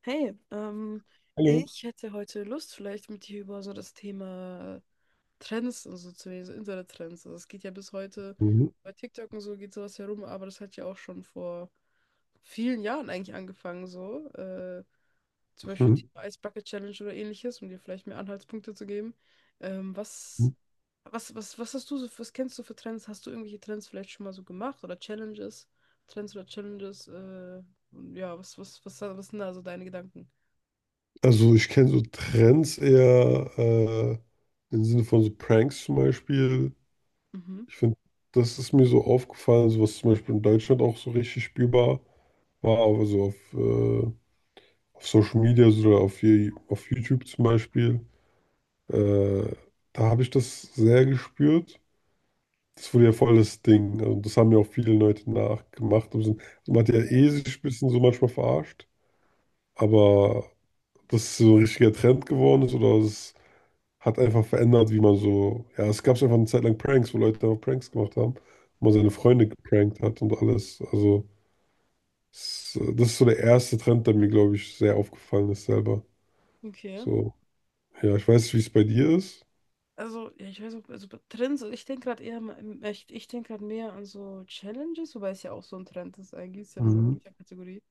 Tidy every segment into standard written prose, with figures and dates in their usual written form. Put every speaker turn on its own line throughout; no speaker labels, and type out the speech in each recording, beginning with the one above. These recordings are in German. Hey,
Hallo.
ich hätte heute Lust, vielleicht mit dir über so das Thema Trends und so zu reden, so Internet-Trends. Also es geht ja bis heute,
Mhm.
bei TikTok und so geht sowas herum, aber das hat ja auch schon vor vielen Jahren eigentlich angefangen, so. Zum Beispiel
Mhm.
die Ice Bucket Challenge oder ähnliches, um dir vielleicht mehr Anhaltspunkte zu geben. Ähm, was,
Mhm.
was hast du so, was kennst du für Trends? Hast du irgendwelche Trends vielleicht schon mal so gemacht oder Challenges? Trends oder Challenges? Ja, was sind da so deine Gedanken?
Also ich kenne so Trends eher im Sinne von so Pranks zum Beispiel.
Mhm.
Ich finde, das ist mir so aufgefallen, so was zum Beispiel in Deutschland auch so richtig spürbar war, aber so auf Social Media so oder auf, auf YouTube zum Beispiel. Äh, Da habe ich das sehr gespürt. Das wurde ja voll das Ding. Also das haben ja auch viele Leute nachgemacht. Also man hat ja eh sich ein bisschen so manchmal verarscht, aber dass es so ein richtiger Trend geworden ist, oder es hat einfach verändert, wie man so, ja, es gab einfach eine Zeit lang Pranks, wo Leute einfach Pranks gemacht haben, wo man seine
Ja.
Freunde geprankt hat und alles. Also, das ist so der erste Trend, der mir, glaube ich, sehr aufgefallen ist selber.
Okay.
So, ja, ich weiß nicht, wie es bei dir ist.
Also, ja, ich weiß auch, also bei Trends, ich denke gerade eher, ich denke gerade mehr an so Challenges, wobei es ja auch so ein Trend ist, eigentlich ist ja nur
Mhm.
eine Kategorie.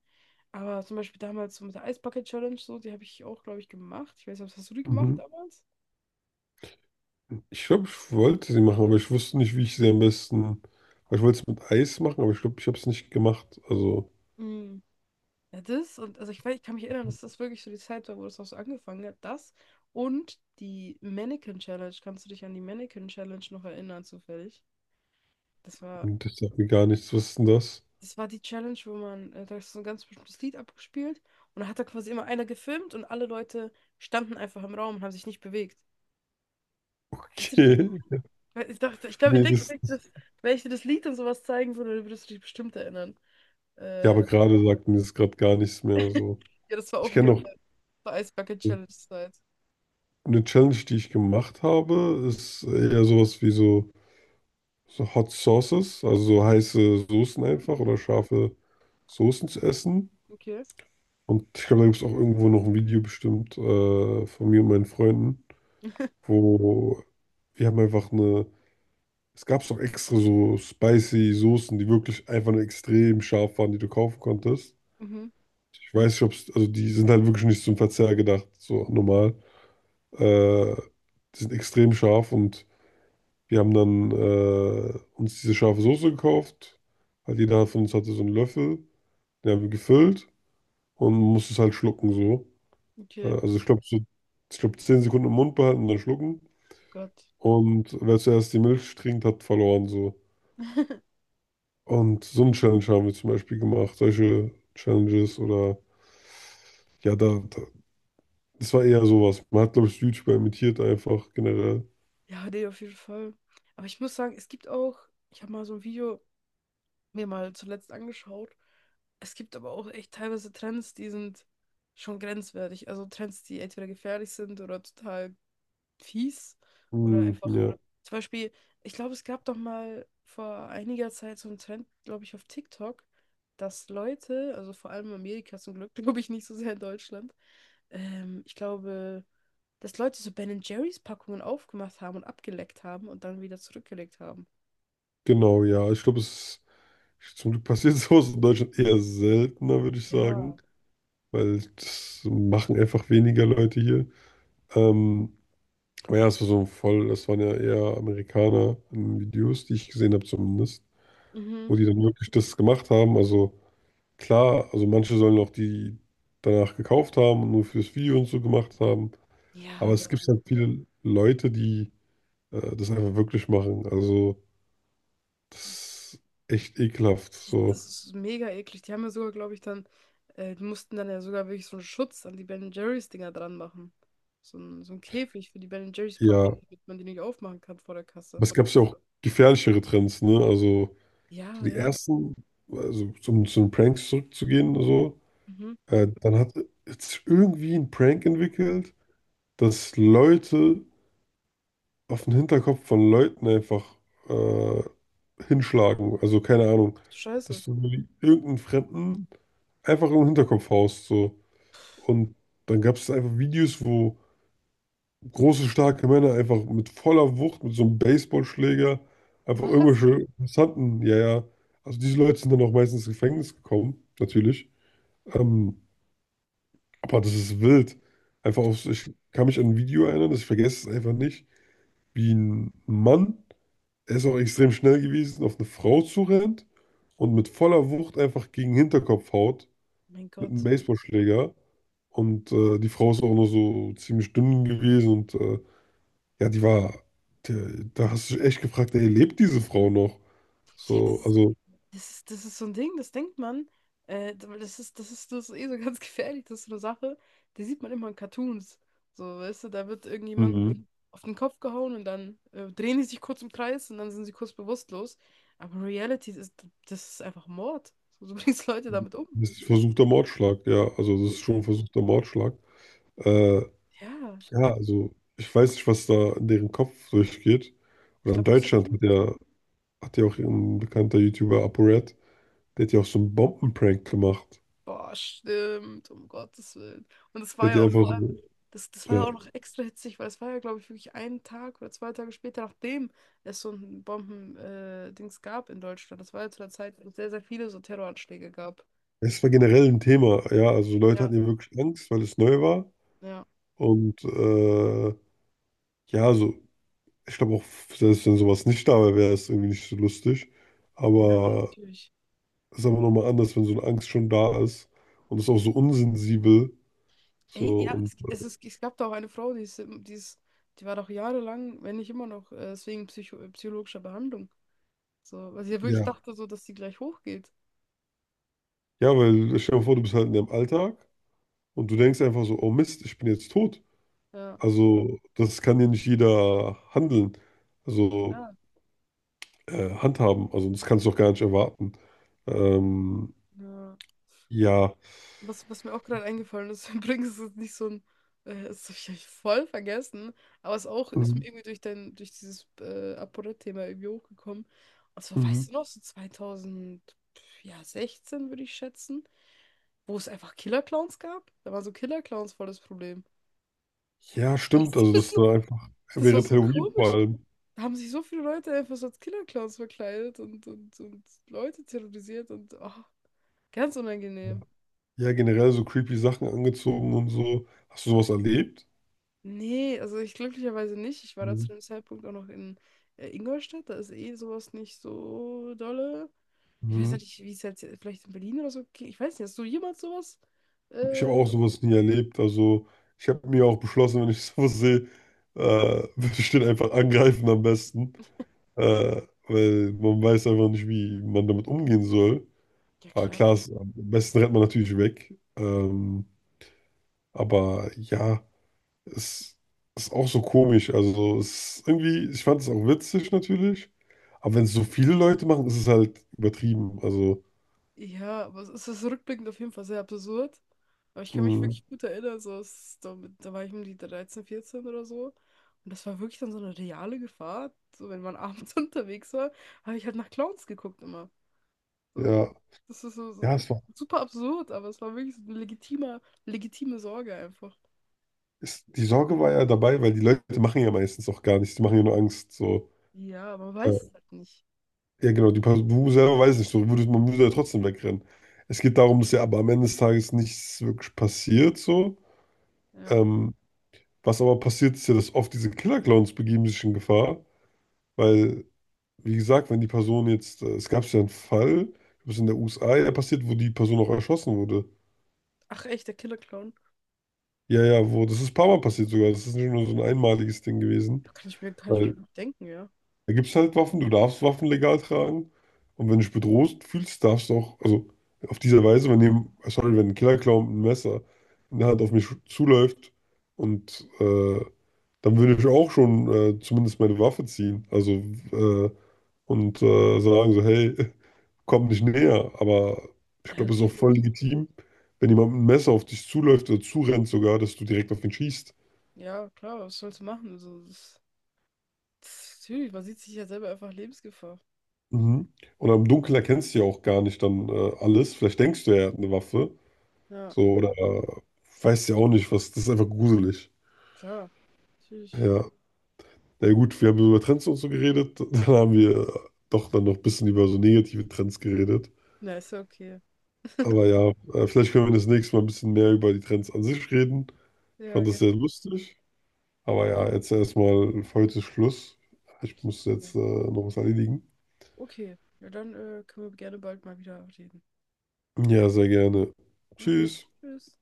Aber zum Beispiel damals so mit der Eisbucket Challenge, so, die habe ich auch, glaube ich, gemacht. Ich weiß nicht, was hast du die gemacht
Mhm.
damals?
Ich glaube, ich wollte sie machen, aber ich wusste nicht, wie ich sie am besten. Weil ich wollte es mit Eis machen, aber ich glaube, ich habe es nicht gemacht. Also,
Mhm. Ja, das und also ich weiß, ich kann mich erinnern, dass das wirklich so die Zeit war, wo das auch so angefangen hat. Das die Mannequin Challenge. Kannst du dich an die Mannequin Challenge noch erinnern, zufällig? Das war
das sagt mir gar nichts. Was ist denn das?
Das war die Challenge, wo man, da ist so ein ganz bestimmtes Lied abgespielt und da hat da quasi immer einer gefilmt und alle Leute standen einfach im Raum und haben sich nicht bewegt. Kannst du dich,
Okay.
ich dachte, ich glaube, Ich
Nee,
denke,
das.
wenn ich, das, wenn ich dir das Lied und sowas zeigen würde, dann würdest du dich bestimmt erinnern.
Ja, aber
Ja,
gerade sagt mir das gerade gar nichts mehr. So.
das war
Ich
auch ein
kenne
Glück
noch.
das Ice Bucket Challenge Zeit.
Eine Challenge, die ich gemacht habe, ist eher sowas wie so, so Hot Sauces, also so heiße Soßen einfach
Mhm,
oder scharfe Soßen zu essen.
okay.
Und ich glaube, da gibt es auch irgendwo noch ein Video bestimmt von mir und meinen Freunden, wo wir haben einfach eine, es gab doch extra so spicy Soßen, die wirklich einfach nur extrem scharf waren, die du kaufen konntest.
Mhm,
Ich weiß nicht, ob es, also die sind halt wirklich nicht zum Verzehr gedacht, so normal. Äh, Die sind extrem scharf und wir haben dann uns diese scharfe Soße gekauft. Halt jeder von uns hatte so einen Löffel. Den haben wir gefüllt und musste es halt schlucken so.
okay.
Also ich glaube so, ich glaube 10 Sekunden im Mund behalten und dann schlucken.
Oh Gott.
Und wer zuerst die Milch trinkt, hat verloren so. Und so eine Challenge haben wir zum Beispiel gemacht. Solche Challenges oder ja, da das war eher sowas. Man hat, glaube ich, YouTuber imitiert einfach generell.
Ja, nee, auf jeden Fall. Aber ich muss sagen, es gibt auch, ich habe mal so ein Video mir mal zuletzt angeschaut. Es gibt aber auch echt teilweise Trends, die sind schon grenzwertig. Also Trends, die entweder gefährlich sind oder total fies oder
Hm,
einfach.
ja,
Zum Beispiel, ich glaube, es gab doch mal vor einiger Zeit so einen Trend, glaube ich, auf TikTok, dass Leute, also vor allem in Amerika zum Glück, glaube ich nicht so sehr in Deutschland, ich glaube, dass Leute so Ben und Jerry's Packungen aufgemacht haben und abgeleckt haben und dann wieder zurückgelegt haben.
genau, ja. Ich glaube, es Zum Glück passiert sowas in Deutschland eher seltener, würde ich sagen,
Ja.
weil das machen einfach weniger Leute hier. Ähm, aber ja, es war so ein voll, das waren ja eher Amerikaner in Videos, die ich gesehen habe zumindest,
Mhm.
wo die dann wirklich das gemacht haben. Also klar, also manche sollen auch die danach gekauft haben und nur fürs Video und so gemacht haben.
Ja,
Aber es
aber
gibt halt viele Leute, die das einfach wirklich machen. Also das ist echt ekelhaft.
das
So,
ist mega eklig. Die haben ja sogar, glaube ich, dann, die mussten dann ja sogar wirklich so einen Schutz an die Ben Jerry's Dinger dran machen. So ein Käfig für die Ben Jerry's
ja,
Packung, damit man die nicht aufmachen kann vor der
aber
Kasse.
es gab ja auch gefährlichere Trends, ne? Also
Ja,
so die
ja.
ersten, also zum, zu den Pranks zurückzugehen, so,
Mhm.
dann hat jetzt irgendwie ein Prank entwickelt, dass Leute auf den Hinterkopf von Leuten einfach äh, hinschlagen. Also keine Ahnung,
Scheiße.
dass du irgendeinen Fremden einfach im Hinterkopf haust, so. Und dann gab es einfach Videos, wo große, starke Männer einfach mit voller Wucht, mit so einem Baseballschläger, einfach irgendwelche interessanten, ja, ja. Also diese Leute sind dann auch meistens ins Gefängnis gekommen, natürlich. Ähm, aber das ist wild. Einfach auf, ich kann mich an ein Video erinnern, das ich vergesse es einfach nicht, wie ein Mann, er ist auch extrem schnell gewesen, auf eine Frau zurennt und mit voller Wucht einfach gegen den Hinterkopf haut,
Mein
mit einem
Gott.
Baseballschläger. Und die Frau ist auch nur so ziemlich dünn gewesen und ja, die, da hast du dich echt gefragt, ey, lebt diese Frau noch?
Sie hätte
So, also,
das ist, das ist so ein Ding, das denkt man. Weil das ist, das ist, das ist eh so ganz gefährlich, das ist so eine Sache. Die sieht man immer in Cartoons. So, weißt du, da wird irgendjemand
mhm,
auf den Kopf gehauen und dann drehen die sich kurz im Kreis und dann sind sie kurz bewusstlos. Aber Reality ist, das ist einfach Mord. So, du bringst Leute damit um.
das ist versuchter Mordschlag, ja, also das ist schon ein versuchter Mordschlag. Äh,
Ja,
ja, also, ich weiß nicht, was da in deren Kopf durchgeht.
ich
Oder in
glaube nicht so
Deutschland
viel.
hat ja auch ein bekannter YouTuber, ApoRed, der hat ja auch so einen Bombenprank gemacht.
Boah, stimmt, um Gottes Willen. Und es
Der
war
hat
ja
ja
auch
einfach
vor allem,
so,
das, das war ja
ja.
auch noch extra hitzig, weil es war ja, glaube ich, wirklich einen Tag oder zwei Tage später, nachdem es so ein Bomben-Dings Dings gab in Deutschland. Das war ja zu der Zeit, wo es sehr, sehr viele so Terroranschläge gab.
Es war generell ein Thema, ja, also Leute
Ja,
hatten ja wirklich Angst, weil es neu war.
Ja.
Und ja, so ich glaube auch, selbst wenn sowas nicht da wäre, wäre es irgendwie nicht so lustig.
ja, nee,
Aber
natürlich.
es ist aber nochmal anders, wenn so eine Angst schon da ist und es ist auch so unsensibel. So
Ey, ja,
und
es gab da auch eine Frau, die ist, im- die ist, die war doch jahrelang, wenn nicht immer noch, deswegen psychologischer Behandlung. So, weil sie ja wirklich
ja.
dachte, so, dass sie gleich hochgeht.
Ja, weil stell dir mal vor, du bist halt in deinem Alltag und du denkst einfach so, oh Mist, ich bin jetzt tot.
Ja.
Also, das kann ja nicht jeder handeln, also
Ja.
handhaben. Also, das kannst du doch gar nicht erwarten. Ähm,
Ja.
ja.
Was, was mir auch gerade eingefallen ist, übrigens ist es nicht so ein, das habe ich voll vergessen, aber es auch ist mir
Mhm.
irgendwie durch dein, durch dieses ApoRed-Thema irgendwie hochgekommen. Und zwar, weißt
Mhm.
du noch, so 2016 würde ich schätzen, wo es einfach Killer-Clowns gab. Da waren so Killer-Clowns voll das Problem.
Ja, stimmt.
Weißt du
Also, das
das
ist
noch?
da einfach
Das war
wäre
so
Halloween vor
komisch.
allem.
Da haben sich so viele Leute einfach so als Killer-Clowns verkleidet und Leute terrorisiert und oh, ganz unangenehm.
Ja, generell so creepy Sachen angezogen und so. Hast du sowas erlebt?
Nee, also ich glücklicherweise nicht. Ich war da zu
Mhm.
dem Zeitpunkt auch noch in Ingolstadt. Da ist eh sowas nicht so dolle. Ich weiß
Mhm.
nicht, wie es jetzt vielleicht in Berlin oder so ging. Ich weiß nicht, hast du jemals sowas?
Ich habe
Äh,
auch sowas nie erlebt. Also ich habe mir auch beschlossen, wenn ich sowas sehe, äh, würde ich den einfach angreifen am besten. Äh, Weil man weiß einfach nicht, wie man damit umgehen soll.
ja,
Aber klar,
klar.
es, am besten rennt man natürlich weg. Aber ja, es ist auch so komisch. Also es ist irgendwie, ich fand es auch witzig natürlich. Aber wenn es so viele Leute machen, ist es halt übertrieben. Also
Ja, aber es ist rückblickend auf jeden Fall sehr absurd. Aber ich kann mich
mh,
wirklich gut erinnern, so es, da, da war ich um die 13, 14 oder so. Und das war wirklich dann so eine reale Gefahr. So, wenn man abends unterwegs war, habe ich halt nach Clowns geguckt immer. So.
ja,
Das ist so, so
ja, es war,
super absurd, aber es war wirklich so eine legitime, legitime Sorge einfach.
es, die Sorge war ja dabei, weil die Leute machen ja meistens auch gar nichts, die machen ja nur Angst. So.
Ja, man
Äh,
weiß es halt nicht.
ja, genau, die Person, du selber weiß nicht, so, du würdest, man würde ja trotzdem wegrennen. Es geht darum, dass ja aber am Ende des Tages nichts wirklich passiert, so.
Ja.
Ähm, Was aber passiert, ist ja, dass oft diese Killer-Clowns begeben sich in Gefahr, weil, wie gesagt, wenn die Person jetzt, es gab ja einen Fall, ich glaube, es ist in der USA ja passiert, wo die Person auch erschossen wurde.
Ach echt, der Killer Clown.
Ja, ja, wo, das ist ein paar Mal passiert sogar, das ist nicht nur so ein einmaliges Ding gewesen.
Ja, kann ich mir
Weil
noch denken, ja.
da gibt es halt Waffen, du darfst Waffen legal tragen. Und wenn du dich bedroht fühlst, darfst du auch, also auf diese Weise, wenn jemand, sorry, wenn ein Killer-Clown mit einem Messer in der Hand auf mich zuläuft und dann würde ich auch schon zumindest meine Waffe ziehen. Also äh, und sagen so, hey, komm nicht näher. Aber ich
Ja,
glaube, es ist auch voll
natürlich.
legitim, wenn jemand mit einem Messer auf dich zuläuft oder zurennt sogar, dass du direkt auf ihn schießt.
Ja, klar, was sollst du machen? Also, das, das, natürlich, man sieht sich ja selber einfach Lebensgefahr.
Mhm. Und am Dunkeln erkennst du ja auch gar nicht dann alles. Vielleicht denkst du, er hat eine Waffe.
Ja,
So, oder weiß ja auch nicht, was. Das ist einfach gruselig.
klar. Natürlich.
Ja. Na gut, wir haben so über Trends und so geredet. Dann haben wir doch dann noch ein bisschen über so negative Trends geredet.
Na, ist ja okay.
Aber ja, vielleicht können wir das nächste Mal ein bisschen mehr über die Trends an sich reden. Ich
ja,
fand das sehr
gerne.
lustig. Aber ja, jetzt erstmal für heute Schluss. Ich muss
Ja.
jetzt noch was erledigen.
Okay. Ja, dann können wir gerne bald mal wieder reden.
Ja, sehr gerne.
Na gut.
Tschüss.
Tschüss.